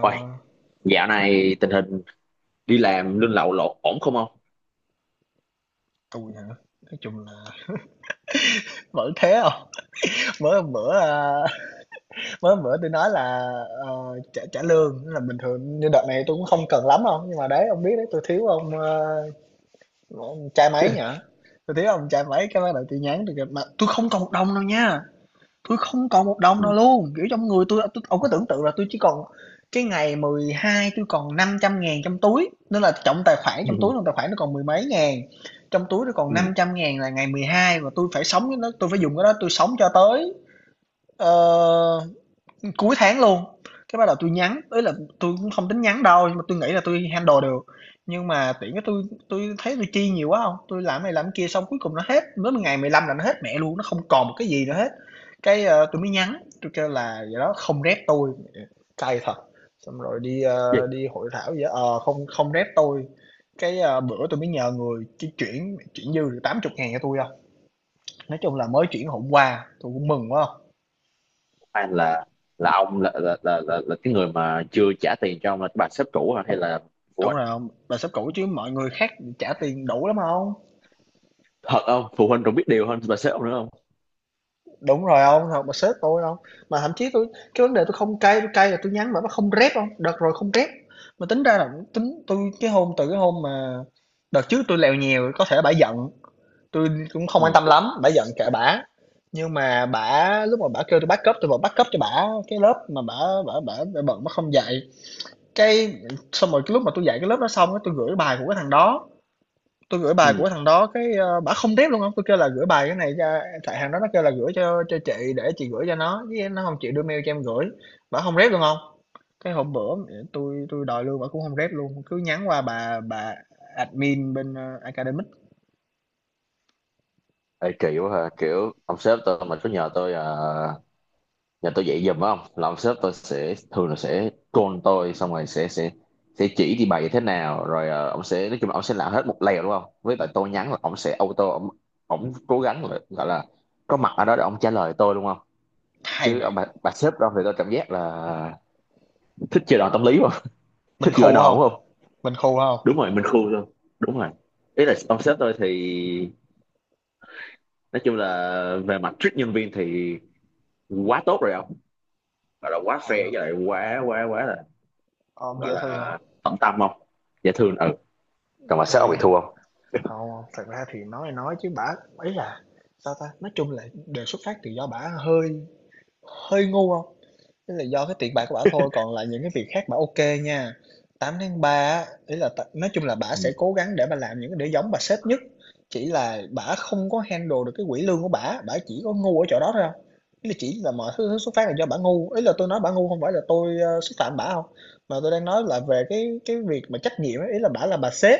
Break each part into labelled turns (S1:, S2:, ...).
S1: Ôi, dạo này tình hình đi làm lương lậu lộn ổn không ông?
S2: tui hả? Nói chung là vẫn thế không. Mới hôm bữa, mới hôm bữa tui nói là, trả trả lương, tức là bình thường như đợt này tôi cũng không cần lắm đâu, nhưng mà đấy, ông biết đấy, tôi thiếu ông, ông cha máy nhở, tôi thiếu ông cha máy cái bắt đầu tôi nhắn tui kêu mà tôi không còn 1 đồng đâu nha. Tôi không còn một đồng nào
S1: Ừ.
S2: luôn, kiểu, trong người tui ông có tưởng tượng là tôi chỉ còn cái ngày 12 tôi còn năm trăm ngàn trong túi, nên là trong tài khoản trong túi
S1: Ừ.
S2: trong tài khoản nó còn mười mấy ngàn, trong túi nó còn năm
S1: Ừ.
S2: trăm ngàn là ngày 12 và tôi phải sống với nó, tôi phải dùng cái đó tôi sống cho tới, ờ cuối tháng luôn, cái bắt đầu tôi nhắn, ấy là tôi cũng không tính nhắn đâu, nhưng mà tôi nghĩ là tôi handle được. Nhưng mà tiện cái tôi thấy tôi chi nhiều quá không, tôi làm này làm kia xong cuối cùng nó hết, đến ngày 15 là nó hết mẹ luôn, nó không còn một cái gì nữa hết. Tui mới nhắn, tôi kêu là "Vậy đó, không rep tôi, cay thật, xong rồi đi,
S1: Vậy,
S2: đi hội thảo vậy, không không rep tôi." Bữa tôi mới nhờ người chi chuyển chuyển dư được tám chục ngàn cho tôi không. Nói chung là mới chuyển hôm qua, tôi cũng mừng quá.
S1: hay là ông là cái người mà chưa trả tiền cho ông là cái bà sếp cũ hả? Hay là phụ
S2: Đúng
S1: huynh?
S2: rồi hông? Bà sếp cũ chứ mọi người khác trả tiền đủ lắm hông?
S1: Thật không? Phụ huynh còn biết điều hơn bà sếp ông nữa không?
S2: Đúng rồi ông, hông, bà sếp tôi không. Mà thậm chí tôi cái vấn đề tôi không cay, tôi cay là tôi nhắn mà nó không rep không, đợt rồi không rep. Mà tính ra là tính tôi cái hôm từ cái hôm mà đợt trước tôi lèo nhèo có thể bả giận, tôi cũng không quan
S1: Ừ.
S2: tâm lắm, bả giận kệ bả. Nhưng mà bả lúc mà bả kêu tui backup, tôi vẫn backup cho bả cái lớp mà bả bả bả bả bận bả không dạy. Cái xong rồi cái lúc mà tôi dạy cái lớp đó xong á, tôi gửi bài của cái thằng đó. Tôi gửi bài
S1: Ừ.
S2: của thằng đó cái, bả không rep luôn không, tôi kêu là "Gửi bài cái này cho", tại hàng đó nó kêu là "Gửi cho chị để chị gửi cho nó", chứ nó không chịu đưa mail cho em gửi, bả không rep luôn không. Cái hôm bữa tôi đòi lương bả cũng không rep luôn, cứ nhắn qua bà admin bên, Academic.
S1: Ê, kỳ quá ha, kiểu ông sếp tôi mà cứ nhờ tôi à, giờ tôi dạy giùm phải không, là ông sếp tôi sẽ thường là sẽ call tôi, xong rồi sẽ chỉ đi bài như thế nào, rồi ông sẽ nói chung là ông sẽ làm hết một lèo đúng không, với lại tôi nhắn là ông sẽ auto ông cố gắng là gọi là có mặt ở đó để ông trả lời tôi đúng không.
S2: Hay
S1: Chứ
S2: vậy,
S1: bà sếp đó thì tôi cảm giác là thích chơi đòn tâm lý không
S2: mình
S1: thích gửi
S2: khu
S1: đòn
S2: không.
S1: đúng không.
S2: Mình khu không.
S1: Đúng rồi, mình khôn luôn. Đúng rồi. Ý là ông sếp tôi thì nói chung là về mặt treat nhân viên thì quá tốt rồi không, gọi là quá
S2: Hay
S1: fair,
S2: hông?
S1: với lại quá quá quá là
S2: Ôm
S1: gọi
S2: dễ thương hông?
S1: là tận tâm không, dễ thương, ừ. Còn mà sếp ông bị
S2: Thì
S1: thua không.
S2: hông, thật ra thì nói chứ bả ấy là, sao ta, nói chung là đều xuất phát từ do bả hơi hơi ngu không. Thế là do cái tiền bạc của bả thôi, còn lại những cái việc khác bả OK nha. Tám tháng 3 á, ý là t nói chung là bả sẽ
S1: Ừ.
S2: cố gắng để bả làm những cái để giống bà sếp nhất, chỉ là bả không có handle được cái quỹ lương của bả, bả chỉ có ngu ở chỗ đó thôi hông? Ý là chỉ là mọi thứ xuất phát là do bả ngu, ý là tôi nói bả ngu không phải là tôi, xúc phạm bả không, mà tôi đang nói là về cái việc mà trách nhiệm ấy, ý là bả là bà sếp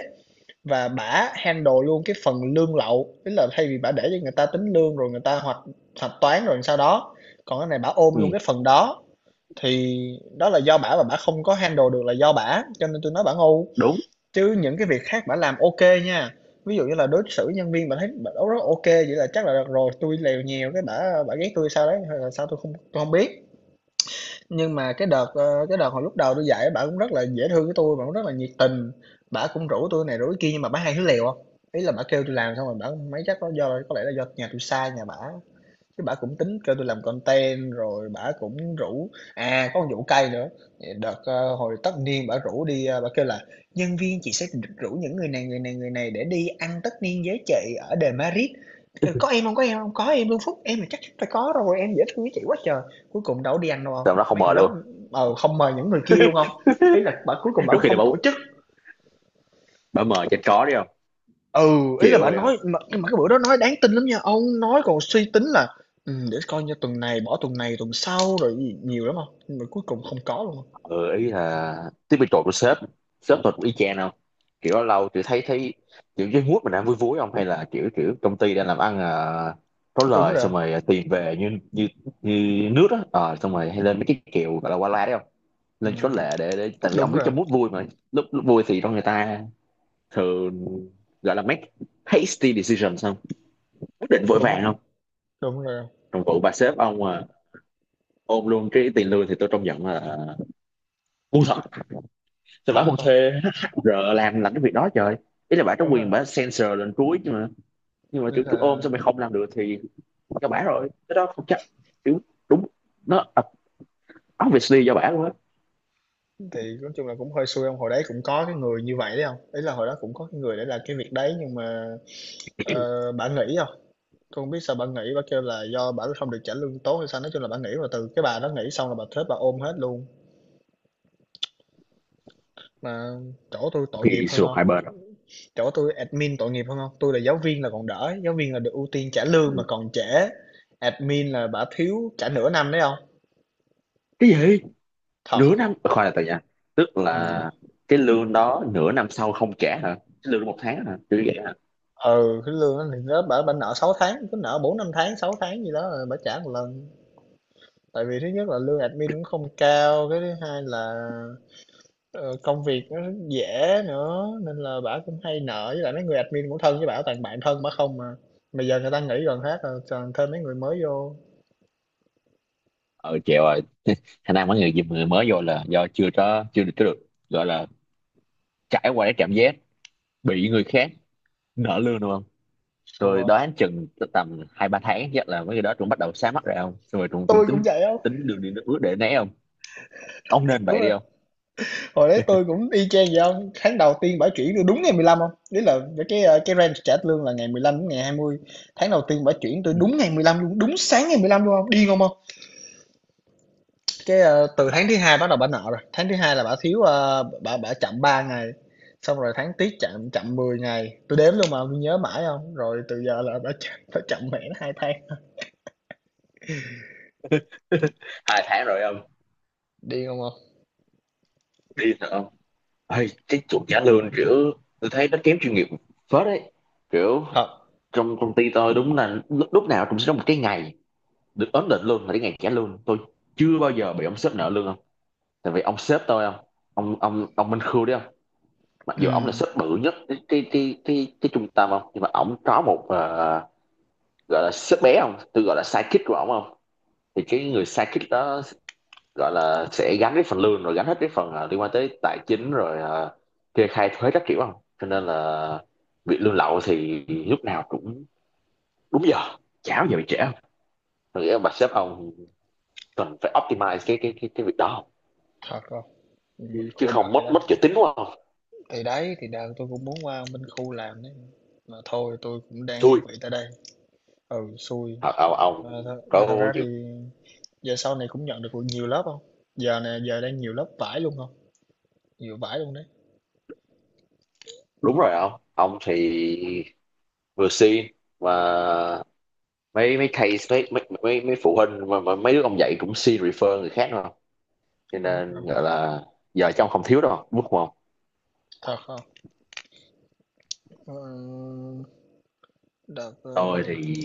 S2: và bả handle luôn cái phần lương lậu, ý là thay vì bả để cho người ta tính lương rồi người ta hoạch hạch toán rồi sau đó, còn cái này bả ôm luôn
S1: Ừ.
S2: cái phần đó. Thì đó là do bả và bả không có handle được là do bả cho nên tôi nói bả ngu,
S1: Đúng.
S2: chứ những cái việc khác bả làm ok nha. Ví dụ như là đối xử nhân viên bả thấy bả rất rất ok vậy là chắc là được rồi, tôi lèo nhiều cái bả bả ghét tôi sao đấy hay là sao tôi không, tôi không biết. Nhưng mà cái đợt cái đợt hồi lúc đầu tôi dạy bả cũng rất là dễ thương với tôi, bả cũng rất là nhiệt tình, bả cũng rủ tôi này rủ cái kia nhưng mà bả hay hứa lèo không. Ý là bả kêu tôi làm xong rồi bả mấy chắc có do có lẽ là do nhà tôi sai nhà bả, cái bả cũng tính kêu tôi làm content rồi bả cũng rủ à, có một vụ cay nữa. Đợt, hồi tất niên bả rủ đi, bả kêu là "Nhân viên chị sẽ rủ những người này, người này, người này để đi ăn tất niên với chị ở đền Madrid." Kêu "Có em không, có em không?" "Có em luôn Phúc, em là chắc chắn phải có rồi, em dễ thương với chị quá trời." Cuối cùng đâu có đi ăn đâu ông,
S1: Tụi đó không
S2: mấy người
S1: mời
S2: đó,
S1: luôn.
S2: ừ, không mời những người kia luôn không. Ý là bà cuối cùng bảo
S1: Đôi khi là
S2: không tổ
S1: bảo
S2: chức.
S1: bảo mời cho chó đi không.
S2: Ừ, ý là
S1: Chịu
S2: bà
S1: rồi không.
S2: nói mà nhưng mà cái bữa đó nói đáng tin lắm nha, ông nói còn suy tính là để coi như tuần này bỏ tuần này tuần sau rồi gì nhiều lắm không." Nhưng mà cuối cùng không có luôn.
S1: Ừ, ý là tiếp bị trội của sếp sếp tôi cũng y chang không. Kiểu lâu lâu chị thấy thấy kiểu dưới mút mình đang vui vui không, hay là kiểu kiểu công ty đang làm ăn à, có
S2: Đúng
S1: lời,
S2: rồi hông?
S1: xong rồi tiền về như như như nước á. Ờ, Xong rồi hay lên mấy cái kiểu gọi là qua la đấy không, lên có lệ để tại vì ông
S2: Đúng
S1: biết
S2: rồi.
S1: trong mút vui mà. Lúc vui thì trong người ta thường gọi là make hasty decisions không, quyết định vội
S2: Đúng
S1: vàng
S2: không?
S1: không.
S2: Đúng rồi.
S1: Trong vụ bà sếp ông à, ôm luôn cái tiền lương thì tôi trông giận là ngu thật. Sao
S2: Thật
S1: bà không
S2: không?
S1: thuê HR làm cái việc đó trời. Ý là bà có
S2: Đúng rồi.
S1: quyền bà censor lên cuối chứ mà, nhưng mà
S2: Ý
S1: kiểu cứ
S2: là
S1: ôm sao mày không làm được thì cho bả rồi cái đó không chắc, kiểu, đúng, nó obviously do bả luôn á.
S2: thì nói chung là cũng hơi xui ông, hồi đấy cũng có cái người như vậy đấy không, ý là hồi đó cũng có cái người để làm cái việc đấy nhưng mà, bả nghỉ không. Tôi hông biết sao bà nghỉ, bà kêu là do bà không được trả lương tốt hay sao, nói chung là bà nghỉ rồi từ cái bà đó nghỉ xong là bà thuế bà ôm hết luôn. Mà chỗ tôi tội nghiệp
S1: Thì
S2: hơn
S1: xung
S2: không,
S1: hai bên rồi.
S2: chỗ tôi admin tội nghiệp hơn không, tôi là giáo viên là còn đỡ, giáo viên là được ưu tiên trả lương mà
S1: Ừ.
S2: còn trễ, admin là bả thiếu trả nửa năm đấy không.
S1: Cái gì? Nửa
S2: Thật.
S1: năm? Ờ, Khoan, là tại nha, tức là
S2: Ừ.
S1: cái lương đó nửa năm sau không trả hả? Cái lương một tháng hả, kiểu vậy hả?
S2: Ừ, cái lương đó thì nó bả bả nợ 6 tháng, cứ nợ 4 5 tháng 6 tháng gì đó rồi bả trả một lần, tại vì thứ nhất là lương admin cũng không cao, cái thứ hai là ờ, công việc nó rất dễ nữa nên là bả cũng hay nợ, với lại mấy người admin cũng thân với bả, toàn bạn thân bả không mà bây giờ người ta nghỉ gần hết rồi, toàn thêm mấy người mới vô.
S1: Ờ Chèo rồi, khả năng mấy người người mới vô là do chưa có chưa được có được gọi là trải qua cái cảm giác bị người khác nợ lương đúng không. Tôi
S2: Đùa,
S1: đoán chừng tầm 2-3 tháng chắc là mấy người đó cũng bắt đầu sáng mắt rồi không, xong rồi cũng cũng
S2: tôi cũng
S1: tính,
S2: vậy hông?
S1: tính đường đi nước bước để né không. Ông nên
S2: Đúng
S1: vậy đi
S2: rồi,
S1: không.
S2: hồi đấy tôi cũng y chang vậy không. Tháng đầu tiên bả chuyển tôi đúng ngày mười lăm không? Ý là mấy cái, cái range trả lương là ngày 15 đến ngày 20. Tháng đầu tiên bả chuyển tôi
S1: Ừ.
S2: đúng ngày 15 luôn, đúng sáng ngày 15 luôn không? Điên không ông? Từ tháng thứ hai bắt đầu bả nợ rồi, tháng thứ hai là bả thiếu, bả bả chậm 3 ngày, xong rồi tháng tiếp chậm chậm 10 ngày, tôi đếm luôn mà tôi nhớ mãi không? Rồi từ giờ là bả chậm mẹ nó 2 tháng,
S1: 2 tháng rồi không.
S2: điên không ông?
S1: Đi thật không. Ê, cái chuột trả lương kiểu tôi thấy nó kém chuyên nghiệp phết đấy, kiểu
S2: Thật,
S1: trong công ty tôi đúng là lúc nào cũng sẽ có một cái ngày được ấn định luôn là cái ngày trả lương. Tôi chưa bao giờ bị ông sếp nợ lương, tại vì ông sếp tôi không, ông Minh Khương đấy không, mặc dù ông là
S2: ừm,
S1: sếp bự nhất cái trung tâm không, nhưng mà ông có một gọi là sếp bé không, tôi gọi là sidekick của ông không, thì cái người sidekick đó gọi là sẽ gánh cái phần lương rồi gánh hết cái phần liên quan tới tài chính, rồi kê khai thuế các kiểu không, cho nên là bị lương lậu thì lúc nào cũng đúng giờ, chả bao giờ bị trễ không. Tôi nghĩ là bà sếp ông cần phải optimize cái việc đó không?
S2: thật không. Mình
S1: Chứ, chứ
S2: khổ đời
S1: không mất
S2: đấy.
S1: mất chữ tín quá không.
S2: Thì đấy, thì đợt tôi cũng muốn qua bên khu làm đấy. Mà thôi tôi cũng đang
S1: Thua.
S2: yên vị tại đây. Ừ, xui.
S1: Ờ, ông
S2: Mà, th mà thật
S1: có
S2: ra thì
S1: nhiều.
S2: giờ sau này cũng nhận được nhiều lớp không? Giờ này giờ đang nhiều lớp vải luôn không? Nhiều vải luôn đấy.
S1: Đúng rồi, ông thì vừa xin mà mấy mấy case mấy phụ huynh mà mấy đứa ông dạy cũng xin refer người khác đúng không, cho
S2: Đúng không?
S1: nên gọi là giờ trong không thiếu đâu đúng không.
S2: Thật không? Ừ, đợt
S1: tôi thì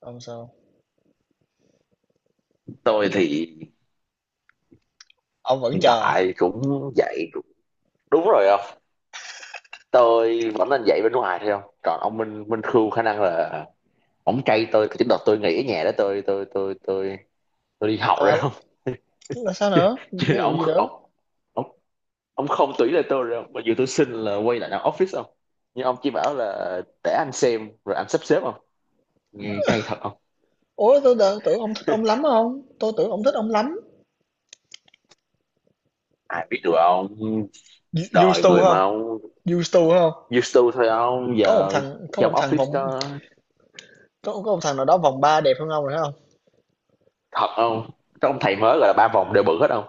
S2: ông sao?
S1: tôi thì
S2: Ông vẫn
S1: hiện
S2: chờ à?
S1: tại cũng dạy cũng- đúng rồi không, tôi vẫn nên dạy bên ngoài thôi không. Còn ông Minh Minh Khương khả năng là ổng cay tôi cái đợt tôi nghỉ ở nhà đó, tôi tôi đi học rồi
S2: Là,
S1: không.
S2: là sao nữa?
S1: Chứ
S2: Ví dụ
S1: ông,
S2: gì nữa?
S1: ông ông không tủy là tôi rồi, mặc dù tôi xin là quay lại làm office ông, nhưng ông chỉ bảo là để anh xem rồi anh sắp xếp không, nghe cay thật không.
S2: Ủa tôi đợt tưởng ông thích ông lắm không? Tôi tưởng ông thích ông lắm.
S1: Ai biết được ông,
S2: Used
S1: đời
S2: to
S1: người mà
S2: không?
S1: ông.
S2: Used to không?
S1: Used to thôi ông,
S2: Có một
S1: giờ
S2: thằng có
S1: trong
S2: một thằng
S1: office
S2: vòng
S1: đó,
S2: Có ông thằng nào đó vòng 3 đẹp hơn ông rồi không? Hông?
S1: thật không, trong thầy mới là ba vòng đều bự hết không,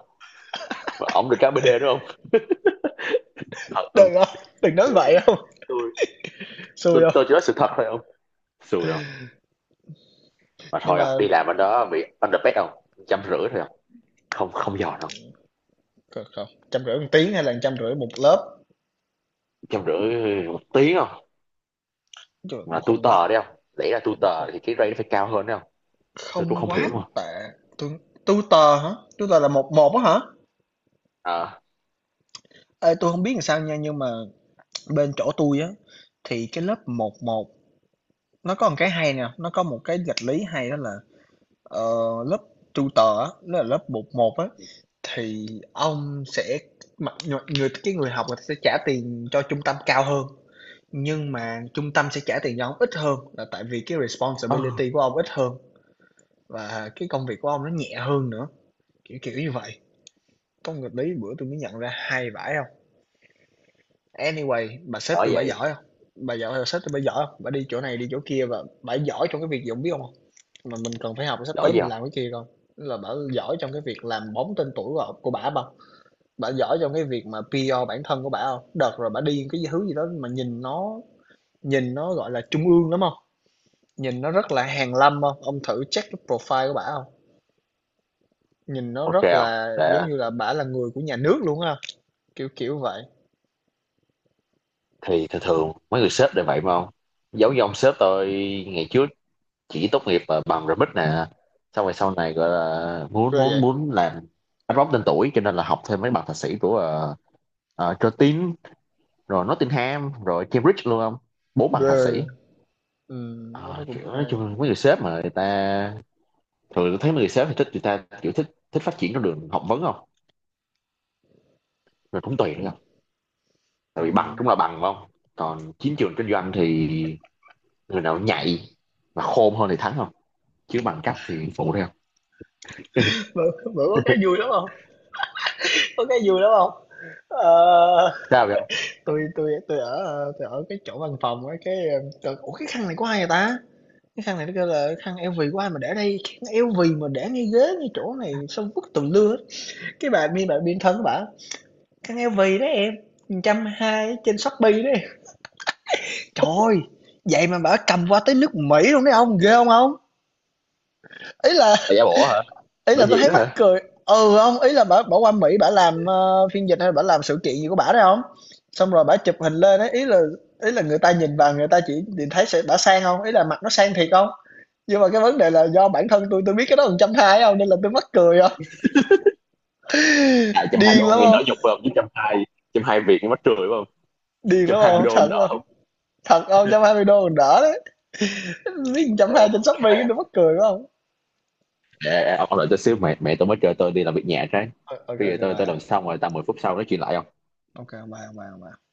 S1: và ông được cái BĐ đúng không, thật, ừ.
S2: Đừng hông, đừng nói
S1: Tôi
S2: vậy
S1: đúng,
S2: không?
S1: tôi tôi,
S2: Xui hông?
S1: tôi chỉ nói sự thật thôi ông. Xui không, mà
S2: Nhưng
S1: thôi
S2: mà
S1: không, đi làm ở đó bị underpaid không, 150 thôi không, không giòn không.
S2: không, 150 1 tiếng hay là trăm rưỡi một lớp,
S1: 150 một tiếng không,
S2: trời,
S1: là
S2: cũng không
S1: tutor
S2: quá,
S1: đấy không lẽ là
S2: cũng
S1: tutor
S2: không
S1: thì cái rate nó phải cao hơn đấy không. Tôi
S2: không
S1: cũng không
S2: quá
S1: hiểu luôn.
S2: tệ. Tui tutor hả? Tutor là một một á hả?
S1: À,
S2: Ê, tui hông biết làm sao nha, nhưng mà bên chỗ tôi á, thì cái lớp một một, nó có một cái hay nè, nó có một cái nghịch lý hay đó là, ờ, lớp tutor á, nó là lớp một một á, thì ông sẽ mặc người người cái người học người ta sẽ trả tiền cho trung tâm cao hơn. Nhưng mà trung tâm sẽ trả tiền cho ông ít hơn là tại vì cái
S1: ờ
S2: responsibility của ông ít hơn và cái công việc của ông nó nhẹ hơn nữa, kiểu kiểu như vậy. Có một nghịch lý bữa tôi mới nhận ra hay vãi không? Anyway, bà sếp
S1: đổi
S2: tôi bả
S1: vậy,
S2: giỏi không? Bà giỏi, bà sếp tôi bả giỏi không? Bả đi chỗ này đi chỗ kia và bả giỏi trong cái việc gì ông biết không? Mà mình cần phải học sắp
S1: đổi
S2: tới
S1: gì
S2: mình
S1: không,
S2: làm cái kia không? Là bả giỏi trong cái việc làm bóng tên tuổi của, bả không? Bả giỏi trong cái việc mà PR bản thân của bả không? Đợt rồi bả đi cái thứ gì đó mà nhìn nó gọi là trung ương lắm không? Nhìn nó rất là hàn lâm không? Ông thử check cái profile của bả không? Nhìn nó
S1: ok
S2: rất
S1: không
S2: là giống
S1: để.
S2: như là bả là người của nhà nước luôn á, kiểu vậy.
S1: Thì thường thường mấy người sếp đều vậy mà không, giống như ông sếp tôi ngày trước chỉ tốt nghiệp bằng remix nè, xong rồi sau này gọi là muốn
S2: Ghê
S1: muốn
S2: vậy,
S1: muốn làm anh bóng tên tuổi cho nên là học thêm mấy bằng thạc sĩ của Curtin rồi Nottingham rồi Cambridge luôn không, bốn bằng
S2: ghê,
S1: thạc sĩ Ờ,
S2: cái cũng
S1: kiểu nói
S2: hay,
S1: chung mấy người sếp mà người ta thường tôi thấy mấy người sếp thì thích người ta kiểu thích thích phát triển con đường học vấn không, rồi cũng tùy nữa không, tại vì bằng
S2: ừm.
S1: cũng là bằng phải không, còn chiến trường kinh doanh thì người nào nhạy và khôn hơn thì thắng không, chứ bằng cấp thì phụ thôi không.
S2: Bữa bữa có cái vui lắm không. Có cái vui lắm không. Ờ,
S1: Sao vậy không?
S2: tôi ở cái chỗ văn phòng á, cái, trời, ủa, cái khăn này của ai vậy ta? Cái khăn này nó kêu là "Khăn LV của ai mà để đây? Khăn LV mà để ngay ghế, ngay chỗ này sao vứt tùm lưa hết?" Cái bà biên thân của bả, khăn eo vì đó em, 120 ở trên Shopee đó em. Trời ơi, vậy mà bảo cầm qua tới nước Mỹ luôn đấy ông, ghê không ông? Ý là
S1: Là giả bộ hả?
S2: ý là
S1: Bởi
S2: tôi
S1: vì
S2: thấy
S1: đó
S2: mắc
S1: hả?
S2: cười. Ừ không, ý là bảo bảo qua Mỹ bảo làm phiên dịch hay bảo làm sự kiện gì của bả đấy không? Xong rồi bảo chụp hình lên ấy, ý là người ta nhìn vào người ta chỉ nhìn thấy sẽ bả sang không? Ý là mặt nó sang thiệt không? Nhưng mà cái vấn đề là do bản thân tôi biết cái đó 120 không, nên là tôi mắc cười không?
S1: À, trăm hai
S2: Điên
S1: đô
S2: lắm
S1: nghe
S2: không?
S1: đỡ nhục phải không, chứ 120, 120 Việt nghe mắc cười phải không.
S2: Điên
S1: trăm
S2: lắm
S1: hai mươi
S2: không?
S1: đô
S2: Thật
S1: đỡ
S2: không?
S1: không.
S2: Thật không? Một trăm hai mươi đô còn đỡ đấy. Biết
S1: Ê,
S2: 120 trên Shopee cái tôi mắc cười quá không?
S1: ê, ông đợi tôi xíu, mẹ mẹ tôi mới kêu tôi đi làm việc nhà trái,
S2: Ok ok
S1: bây giờ
S2: ok
S1: tôi
S2: bye
S1: làm xong rồi tầm 10 phút sau nói chuyện lại không.
S2: ok bye bye bye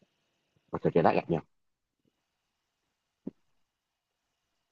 S1: Rồi, trời trời đã gặp nhau.